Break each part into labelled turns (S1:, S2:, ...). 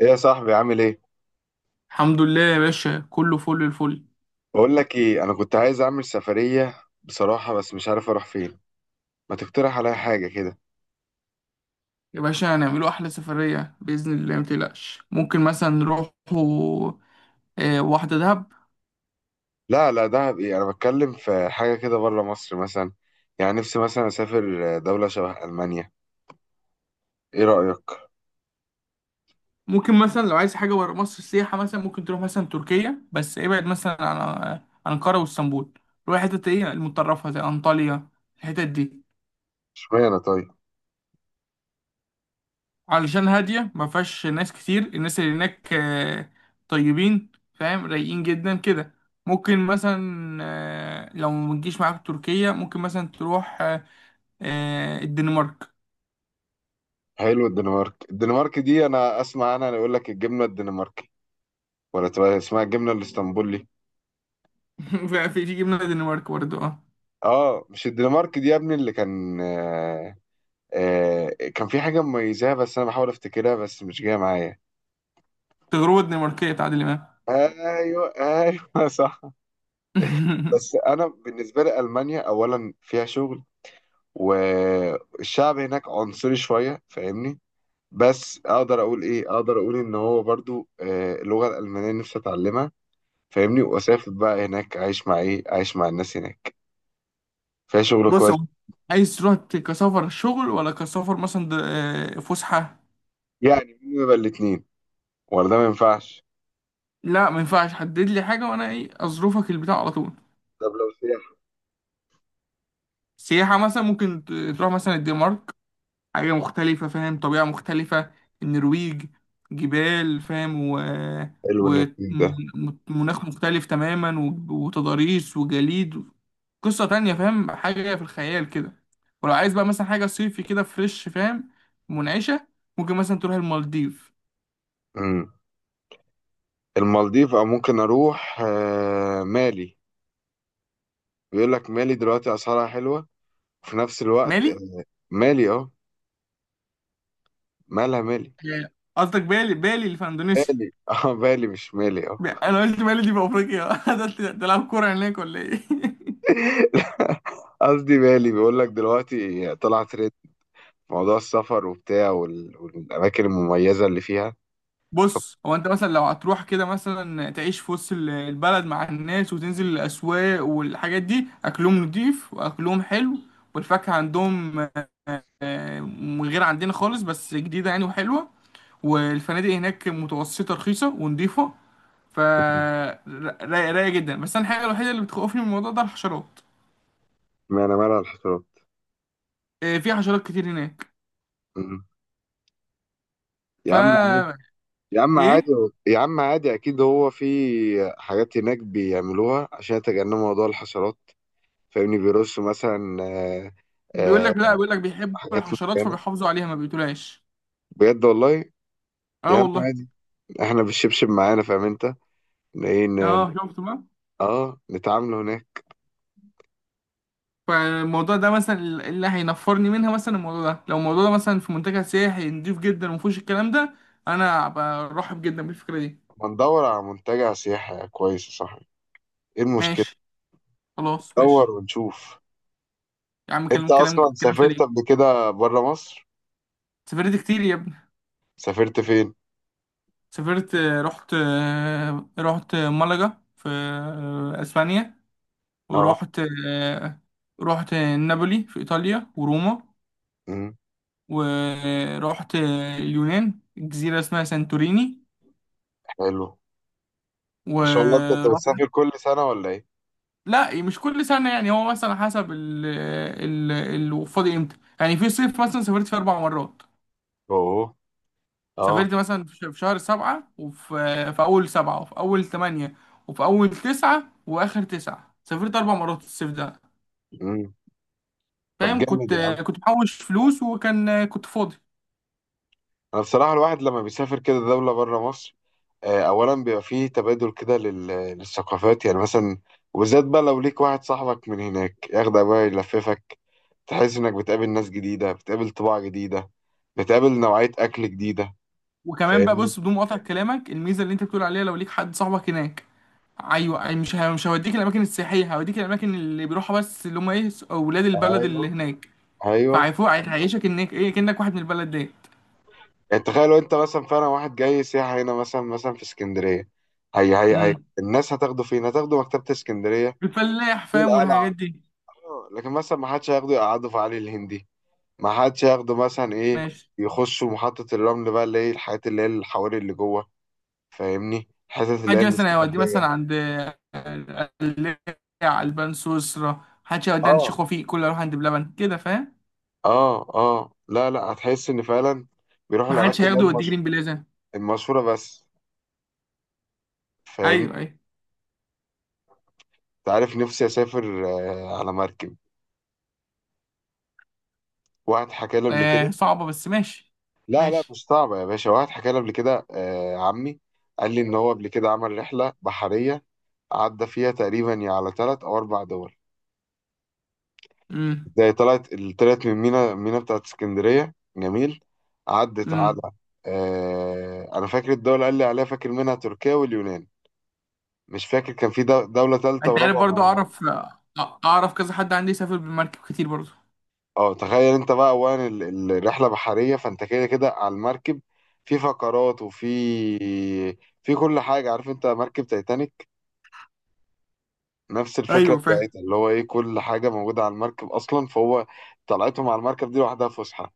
S1: ايه يا صاحبي، عامل ايه؟
S2: الحمد لله يا باشا، كله فل الفل.
S1: بقول لك ايه، انا كنت عايز اعمل سفريه بصراحه، بس مش عارف اروح فين. ما تقترح عليا حاجه كده؟
S2: يا باشا، هنعمله أحلى سفرية بإذن الله، متقلقش. ممكن مثلا نروحوا واحدة دهب.
S1: لا، لا، دهب ايه؟ انا بتكلم في حاجه كده بره مصر مثلا. يعني نفسي مثلا اسافر دوله شبه المانيا. ايه رايك؟
S2: ممكن مثلا لو عايز حاجة برا مصر سياحة، مثلا ممكن تروح مثلا تركيا، بس ابعد مثلا عن أنقرة واسطنبول. روح حتت ايه المتطرفة زي أنطاليا، الحتت دي.
S1: اشمعنى طيب؟
S2: علشان هادية ما فيهاش ناس كتير، الناس اللي هناك طيبين فاهم، رايقين جدا كده. ممكن مثلا لو ما تجيش معاك تركيا، ممكن مثلا تروح الدنمارك.
S1: حلو. الدنمارك دي انا اسمع عنها، انا يقول لك الجبنه الدنماركي، ولا تبقى اسمها الجبنه الاسطنبولي؟
S2: في جبنة الدنمارك برضه، اه.
S1: اه، مش الدنمارك دي يا ابني اللي كان كان في حاجه مميزاها، بس انا بحاول افتكرها بس مش جايه معايا.
S2: تجربة دنماركية تعادل إمام.
S1: ايوه، ايوه، صح. بس انا بالنسبه لي المانيا اولا فيها شغل، والشعب هناك عنصري شويه، فاهمني؟ بس اقدر اقول ايه، اقدر اقول ان هو برضو، اللغه الالمانيه نفسي اتعلمها، فاهمني؟ واسافر بقى هناك اعيش مع اعيش مع الناس هناك. فيها شغل
S2: بص،
S1: كويس.
S2: هو عايز تروح كسفر شغل ولا كسفر مثلا فسحة؟
S1: يعني مين يبقى الاتنين، ولا ده ما ينفعش؟
S2: لا ما ينفعش، حدد لي حاجة وأنا إيه أظروفك البتاع على طول.
S1: طب لو سياحه؟
S2: سياحة مثلا ممكن تروح مثلا الدنمارك، حاجة مختلفة فاهم، طبيعة مختلفة. النرويج، جبال فاهم، و
S1: حلو ان الاتنين ده.
S2: ومناخ مختلف تماما وتضاريس وجليد، قصة تانية فاهم، حاجة في الخيال كده. ولو عايز بقى مثلا حاجة صيفي كده فريش فاهم، منعشة، ممكن مثلا تروح المالديف.
S1: امم. المالديف، او ممكن اروح مالي. بيقول لك مالي دلوقتي اسعارها حلوه، في نفس الوقت.
S2: مالي؟
S1: مالي، اه. مالها مالي؟
S2: آه، قصدك بالي، بالي اللي في اندونيسيا.
S1: مالي. اه مالي، مش مالي، اه.
S2: انا قلت مالي دي في افريقيا، ده تلعب كورة هناك ولا ايه؟
S1: قصدي مالي، بيقول لك دلوقتي طلع ترند موضوع السفر وبتاع والاماكن المميزه اللي فيها. ف-
S2: بص، هو انت مثلا لو هتروح كده مثلا تعيش في وسط البلد مع الناس، وتنزل الاسواق والحاجات دي، اكلهم نضيف واكلهم حلو، والفاكهه عندهم من غير عندنا خالص، بس جديده يعني وحلوه. والفنادق هناك متوسطه رخيصه ونضيفه، ف رايقه جدا. بس انا الحاجه الوحيده اللي بتخوفني من الموضوع ده، الحشرات،
S1: ما انا مالها الحشرات.
S2: في حشرات كتير هناك.
S1: مم. يا
S2: ف
S1: عم عادي. يا عم عادي.
S2: ايه،
S1: يا عم عادي، اكيد هو في حاجات هناك بيعملوها عشان يتجنبوا موضوع الحشرات، فاهمني؟ بيرصوا مثلا،
S2: بيقول
S1: آه،
S2: لك لا، بيقول لك بيحبوا
S1: حاجات
S2: الحشرات
S1: معينه،
S2: فبيحافظوا عليها، ما بيقتلهاش.
S1: بجد والله.
S2: اه
S1: يا عم
S2: والله.
S1: عادي، احنا بالشبشب معانا، فاهم انت؟ ايه،
S2: اه، شفت بقى.
S1: اه، نتعامل هناك.
S2: فالموضوع ده مثلا اللي هينفرني منها مثلا، الموضوع ده لو الموضوع ده مثلا في منتجع سياحي نضيف جدا ومفيهوش الكلام ده، انا برحب جدا بالفكره دي.
S1: ما ندور على منتجع سياحي كويس يا صاحبي، ايه المشكلة؟
S2: ماشي، خلاص
S1: ندور
S2: ماشي.
S1: ونشوف.
S2: يا عم
S1: انت
S2: كلام
S1: اصلا سافرت قبل
S2: سليم.
S1: كده بره مصر؟
S2: سافرت كتير يا ابني.
S1: سافرت فين؟
S2: سافرت آه، رحت رحت ملقا في اسبانيا،
S1: اه.
S2: ورحت آه، رحت نابولي في ايطاليا وروما،
S1: امم.
S2: ورحت آه، اليونان، جزيره اسمها سانتوريني،
S1: حلو. ما شاء الله، انت،
S2: ورحت.
S1: بتسافر كل سنة ولا ايه؟
S2: لا مش كل سنة يعني، هو مثلا حسب ال ال ال فاضي امتى، يعني في صيف مثلا سافرت في أربع مرات.
S1: اوه. اه.
S2: سافرت مثلا في شهر سبعة، وفي أول سبعة، وفي أول تمانية، وفي أول تسعة وآخر تسعة، سافرت أربع مرات الصيف ده.
S1: امم. طب
S2: فاهم؟
S1: جامد
S2: كنت
S1: يا عم.
S2: كنت محوش فلوس، وكان كنت فاضي.
S1: انا بصراحه الواحد لما بيسافر كده دوله بره مصر، اولا بيبقى فيه تبادل كده، للثقافات، يعني مثلا. وبالذات بقى لو ليك واحد صاحبك من هناك، ياخدك بقى يلففك، تحس انك بتقابل ناس جديده، بتقابل طباع جديده، بتقابل نوعيه اكل جديده،
S2: وكمان بقى
S1: فاهمني؟
S2: بص، بدون مقاطع كلامك، الميزة اللي أنت بتقول عليها لو ليك حد صاحبك هناك. ايوه، أي مش هوديك الاماكن السياحيه، هوديك الاماكن اللي بيروحها بس، اللي هم ايه اولاد البلد اللي
S1: ايوه،
S2: هناك.
S1: ايوه.
S2: فعيفوق هيعيشك انك ايه، كأنك واحد من البلد ديت.
S1: يعني تخيل لو انت مثلا فعلا واحد جاي سياحه هنا مثلا، في اسكندريه، هي
S2: امم.
S1: الناس هتاخده فين؟ هتاخده مكتبه اسكندريه،
S2: الفلاح
S1: دول
S2: فاهم،
S1: قلعه،
S2: والحاجات دي.
S1: لكن مثلا ما حدش هياخده يقعده في علي الهندي، ما حدش ياخده مثلا ايه،
S2: ماشي.
S1: يخشوا محطة الرمل بقى، اللي هي الحاجات اللي هي الحواري اللي جوه، فاهمني؟ الحتت اللي هي
S2: حد مثلا هيوديه مثلا
S1: المستخبية.
S2: عند القلاع البان سويسرا؟ حدش هيوديه عند
S1: اه،
S2: شيخ وفيق؟ كله يروح عند بلبن كده فاهم.
S1: اه، اه. لا، لا، هتحس ان فعلا بيروحوا
S2: ما حدش
S1: الاماكن
S2: فاهم
S1: اللي هي
S2: هياخده يوديه جرين بلازا.
S1: المشهورة بس، فاهمني؟
S2: ايوه ايوه.
S1: انت عارف، نفسي اسافر على مركب. واحد حكى لي قبل
S2: آه
S1: كده.
S2: صعبة، بس ماشي.
S1: لا، لا،
S2: ماشي.
S1: مش صعبة يا باشا. واحد حكى لي قبل كده، عمي، قال لي ان هو قبل كده عمل رحلة بحرية، عدى فيها تقريبا يا على ثلاث او اربع دول.
S2: امم
S1: زي طلعت، طلعت من مينا، بتاعت اسكندرية جميل، عدت على،
S2: امم.
S1: أنا فاكر الدولة قال لي عليها، فاكر منها تركيا واليونان، مش فاكر كان في دولة ثالثة
S2: انت عارف
S1: ورابعة
S2: برضه،
S1: معانا.
S2: اعرف كذا حد عندي سافر بالمركب كتير برضه.
S1: اه، تخيل انت بقى اولا الرحلة بحرية، فانت كده كده على المركب، في فقرات وفي، في كل حاجة. عارف انت مركب تايتانيك؟ نفس الفكرة
S2: ايوه فاهم.
S1: بتاعتها، اللي هو ايه، كل حاجة موجودة على المركب اصلا، فهو طلعتهم على المركب دي لوحدها فسحة.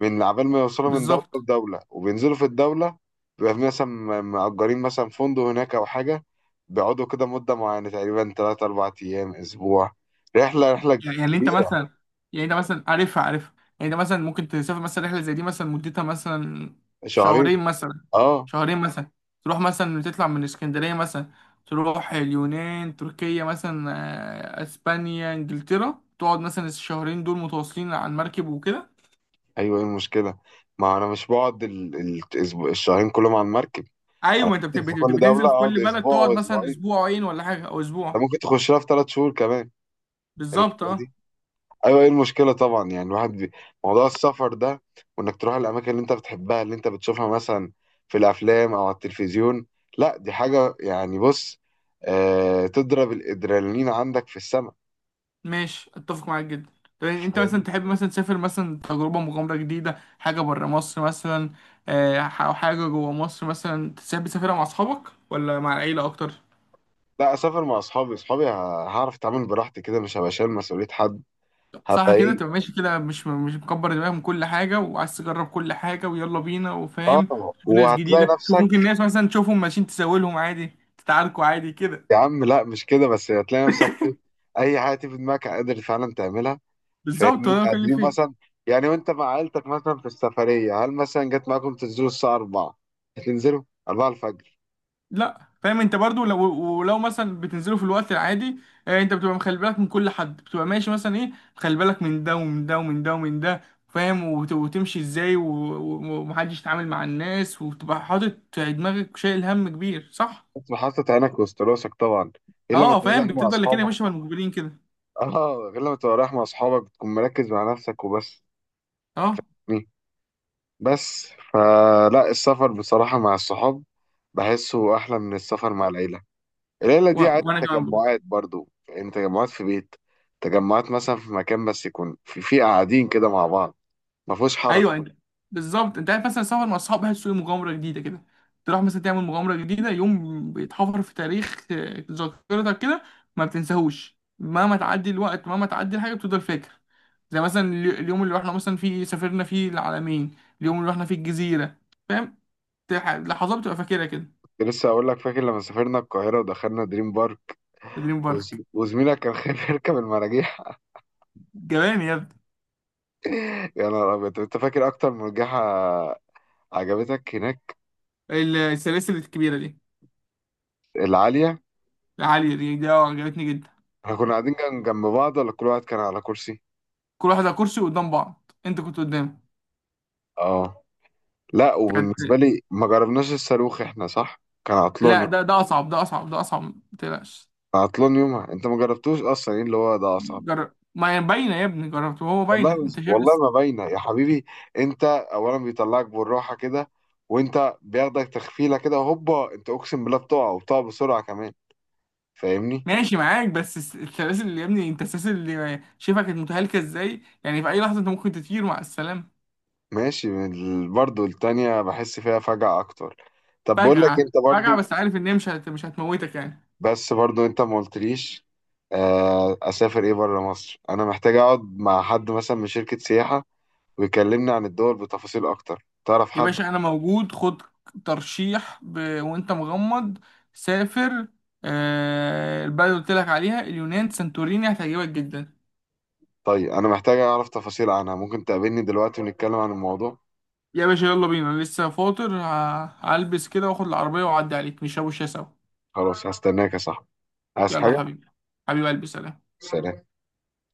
S1: من عبال ما يوصلوا من دولة
S2: بالظبط.
S1: لدولة، وبينزلوا في الدولة، بيبقى في مثلا مأجرين مثلا فندق هناك أو حاجة، بيقعدوا كده مدة معينة، تقريبا تلات أربع أيام، أسبوع، رحلة
S2: يعني انت
S1: كبيرة.
S2: مثلا، يعني انت مثلا عارفها، يعني انت مثلا ممكن تسافر مثلا رحله زي دي مثلا، مدتها مثلا.
S1: شهرين.
S2: شهرين مثلا
S1: أه.
S2: شهرين مثلا تروح مثلا، تطلع من اسكندريه مثلا، تروح اليونان تركيا مثلا اسبانيا انجلترا، تقعد مثلا الشهرين دول متواصلين على المركب وكده.
S1: أيوه، إيه المشكلة؟ ما أنا مش بقعد الشهرين كلهم على المركب.
S2: ايوه،
S1: أنا
S2: ما انت
S1: بنزل في كل دولة
S2: بتنزل في
S1: أقعد
S2: كل بلد،
S1: أسبوع
S2: تقعد
S1: أو
S2: مثلا
S1: أسبوعين.
S2: اسبوعين ولا حاجه او
S1: أنت
S2: اسبوع.
S1: ممكن تخش لها في تلات شهور كمان
S2: بالظبط
S1: الرحلة
S2: اه.
S1: دي. ايوه، ايه المشكله طبعا. يعني الواحد موضوع السفر ده، وانك تروح الاماكن اللي انت بتحبها، اللي انت بتشوفها مثلا في الافلام او على التلفزيون، لا دي حاجه يعني، بص، تضرب الادرينالين عندك في السماء.
S2: ماشي، اتفق معاك جدا. طب يعني انت مثلا
S1: فاهم؟
S2: تحب مثلا تسافر مثلا تجربة مغامرة جديدة، حاجة برا مصر مثلا، او حاجة جوا مصر مثلا تحب تسافرها مع اصحابك ولا مع العيلة اكتر؟
S1: لا، اسافر مع اصحابي. هعرف اتعامل براحتي كده، مش هبقى شايل مسؤوليه حد،
S2: صح
S1: هبقى
S2: كده، تبقى
S1: ايه.
S2: ماشي كده مش مش مكبر دماغك من كل حاجة، وعايز تجرب كل حاجة ويلا بينا وفاهم.
S1: اه،
S2: شوف ناس
S1: وهتلاقي
S2: جديدة، شوف
S1: نفسك.
S2: ممكن ناس مثلا تشوفهم ماشيين تساوي لهم عادي، تتعاركوا عادي كده.
S1: يا عم لا، مش كده بس، هتلاقي نفسك ايه، اي حاجه تيجي في دماغك قادر فعلا تعملها،
S2: بالظبط، هو
S1: فاهمني؟
S2: ده اللي بتكلم
S1: قادرين
S2: فيه.
S1: مثلا. يعني وانت مع عيلتك مثلا في السفريه، هل مثلا جت معاكم تنزلوا الساعه 4؟ تنزلوا 4 الفجر؟
S2: لا فاهم، انت برضو لو ولو مثلا بتنزلوا في الوقت العادي، انت بتبقى مخلي بالك من كل حد، بتبقى ماشي مثلا ايه، مخلي بالك من ده ومن ده ومن ده ومن ده، فاهم، وتمشي ازاي ومحدش يتعامل مع الناس، وتبقى حاطط في دماغك شايل هم كبير، صح.
S1: انت حاطط عينك وسط راسك طبعا، غير لما
S2: اه
S1: تبقى
S2: فاهم،
S1: رايح مع
S2: بتفضل لكن
S1: اصحابك.
S2: ماشي مع المجبرين كده.
S1: اه، غير لما تبقى رايح مع اصحابك بتكون مركز مع نفسك وبس.
S2: اه،
S1: مي. بس. فلا، السفر بصراحه مع الصحاب بحسه احلى من السفر مع العيله. العيله دي عايزه
S2: وانا كمان.
S1: تجمعات برضو، يعني تجمعات في بيت، تجمعات مثلا في مكان، بس يكون في قاعدين كده مع بعض، ما فيهوش حركه.
S2: ايوه انت، بالظبط. انت عارف مثلا سفر مع اصحاب، بحسه مغامره جديده كده، تروح مثلا تعمل مغامره جديده يوم بيتحفر في تاريخ ذاكرتك كده، ما بتنساهوش مهما تعدي الوقت، مهما تعدي الحاجه بتفضل فاكر. زي مثلا اليوم اللي رحنا مثلا فيه، سافرنا فيه العلمين، اليوم اللي رحنا فيه الجزيره فاهم، لحظات بتبقى فاكرها كده.
S1: لسه هقول لك، فاكر لما سافرنا القاهرة ودخلنا دريم بارك،
S2: في دريم بارك.
S1: وزميلك كان خايف يركب المراجيح؟
S2: جمال يا ابني.
S1: يا نهار أبيض. طب أنت فاكر أكتر مرجحة عجبتك هناك؟
S2: السلاسل الكبيره دي.
S1: العالية؟
S2: العاليه دي، اه عجبتني جدا.
S1: إحنا كنا قاعدين جنب بعض، ولا كل واحد كان على كرسي؟
S2: كل واحد على كرسي قدام بعض، انت كنت قدام.
S1: آه. لا،
S2: كانت.
S1: وبالنسبة لي ما جربناش الصاروخ إحنا، صح؟ كان عطلان
S2: لا،
S1: يوم،
S2: ده اصعب، ما تقلقش.
S1: كان عطلان يومها، أنت ما جربتوش أصلا إيه اللي هو ده أصعب.
S2: جرب، ما هي باينه يا ابني، جربت وهو
S1: والله
S2: باينه،
S1: مش
S2: انت شايف
S1: والله،
S2: بس.
S1: ما باينه يا حبيبي. انت اولا بيطلعك بالراحه كده، وانت بياخدك تخفيله كده هوبا، انت اقسم بالله بتقع، وبتقع بسرعه كمان، فاهمني؟
S2: ماشي معاك، بس السلاسل اللي يا ابني، انت السلاسل اللي شايفها كانت متهالكه ازاي، يعني في اي لحظه انت ممكن تطير مع السلامه.
S1: ماشي. من برضو التانية بحس فيها فجعه اكتر. طب بقول لك
S2: فجعه
S1: انت
S2: فجعه،
S1: برضو،
S2: بس عارف ان هي مش هتموتك يعني.
S1: بس برضو انت ما قلتليش، اسافر ايه بره مصر؟ انا محتاج اقعد مع حد مثلا من شركه سياحه ويكلمني عن الدول بتفاصيل اكتر. تعرف
S2: يا
S1: حد؟
S2: باشا انا موجود، خد ترشيح وانت مغمض، سافر البلد اللي قلت لك عليها، اليونان سانتوريني، هتعجبك جدا.
S1: طيب انا محتاج اعرف تفاصيل عنها، ممكن تقابلني دلوقتي ونتكلم عن الموضوع؟
S2: يا باشا يلا بينا، أنا لسه فاطر، هلبس كده واخد العربية واعدي عليك نشربوا شاي سوا.
S1: خلاص، هستناك يا صاحبي. عايز
S2: يلا
S1: حاجة؟
S2: حبيبي. حبيبي قلبي، سلام.
S1: سلام.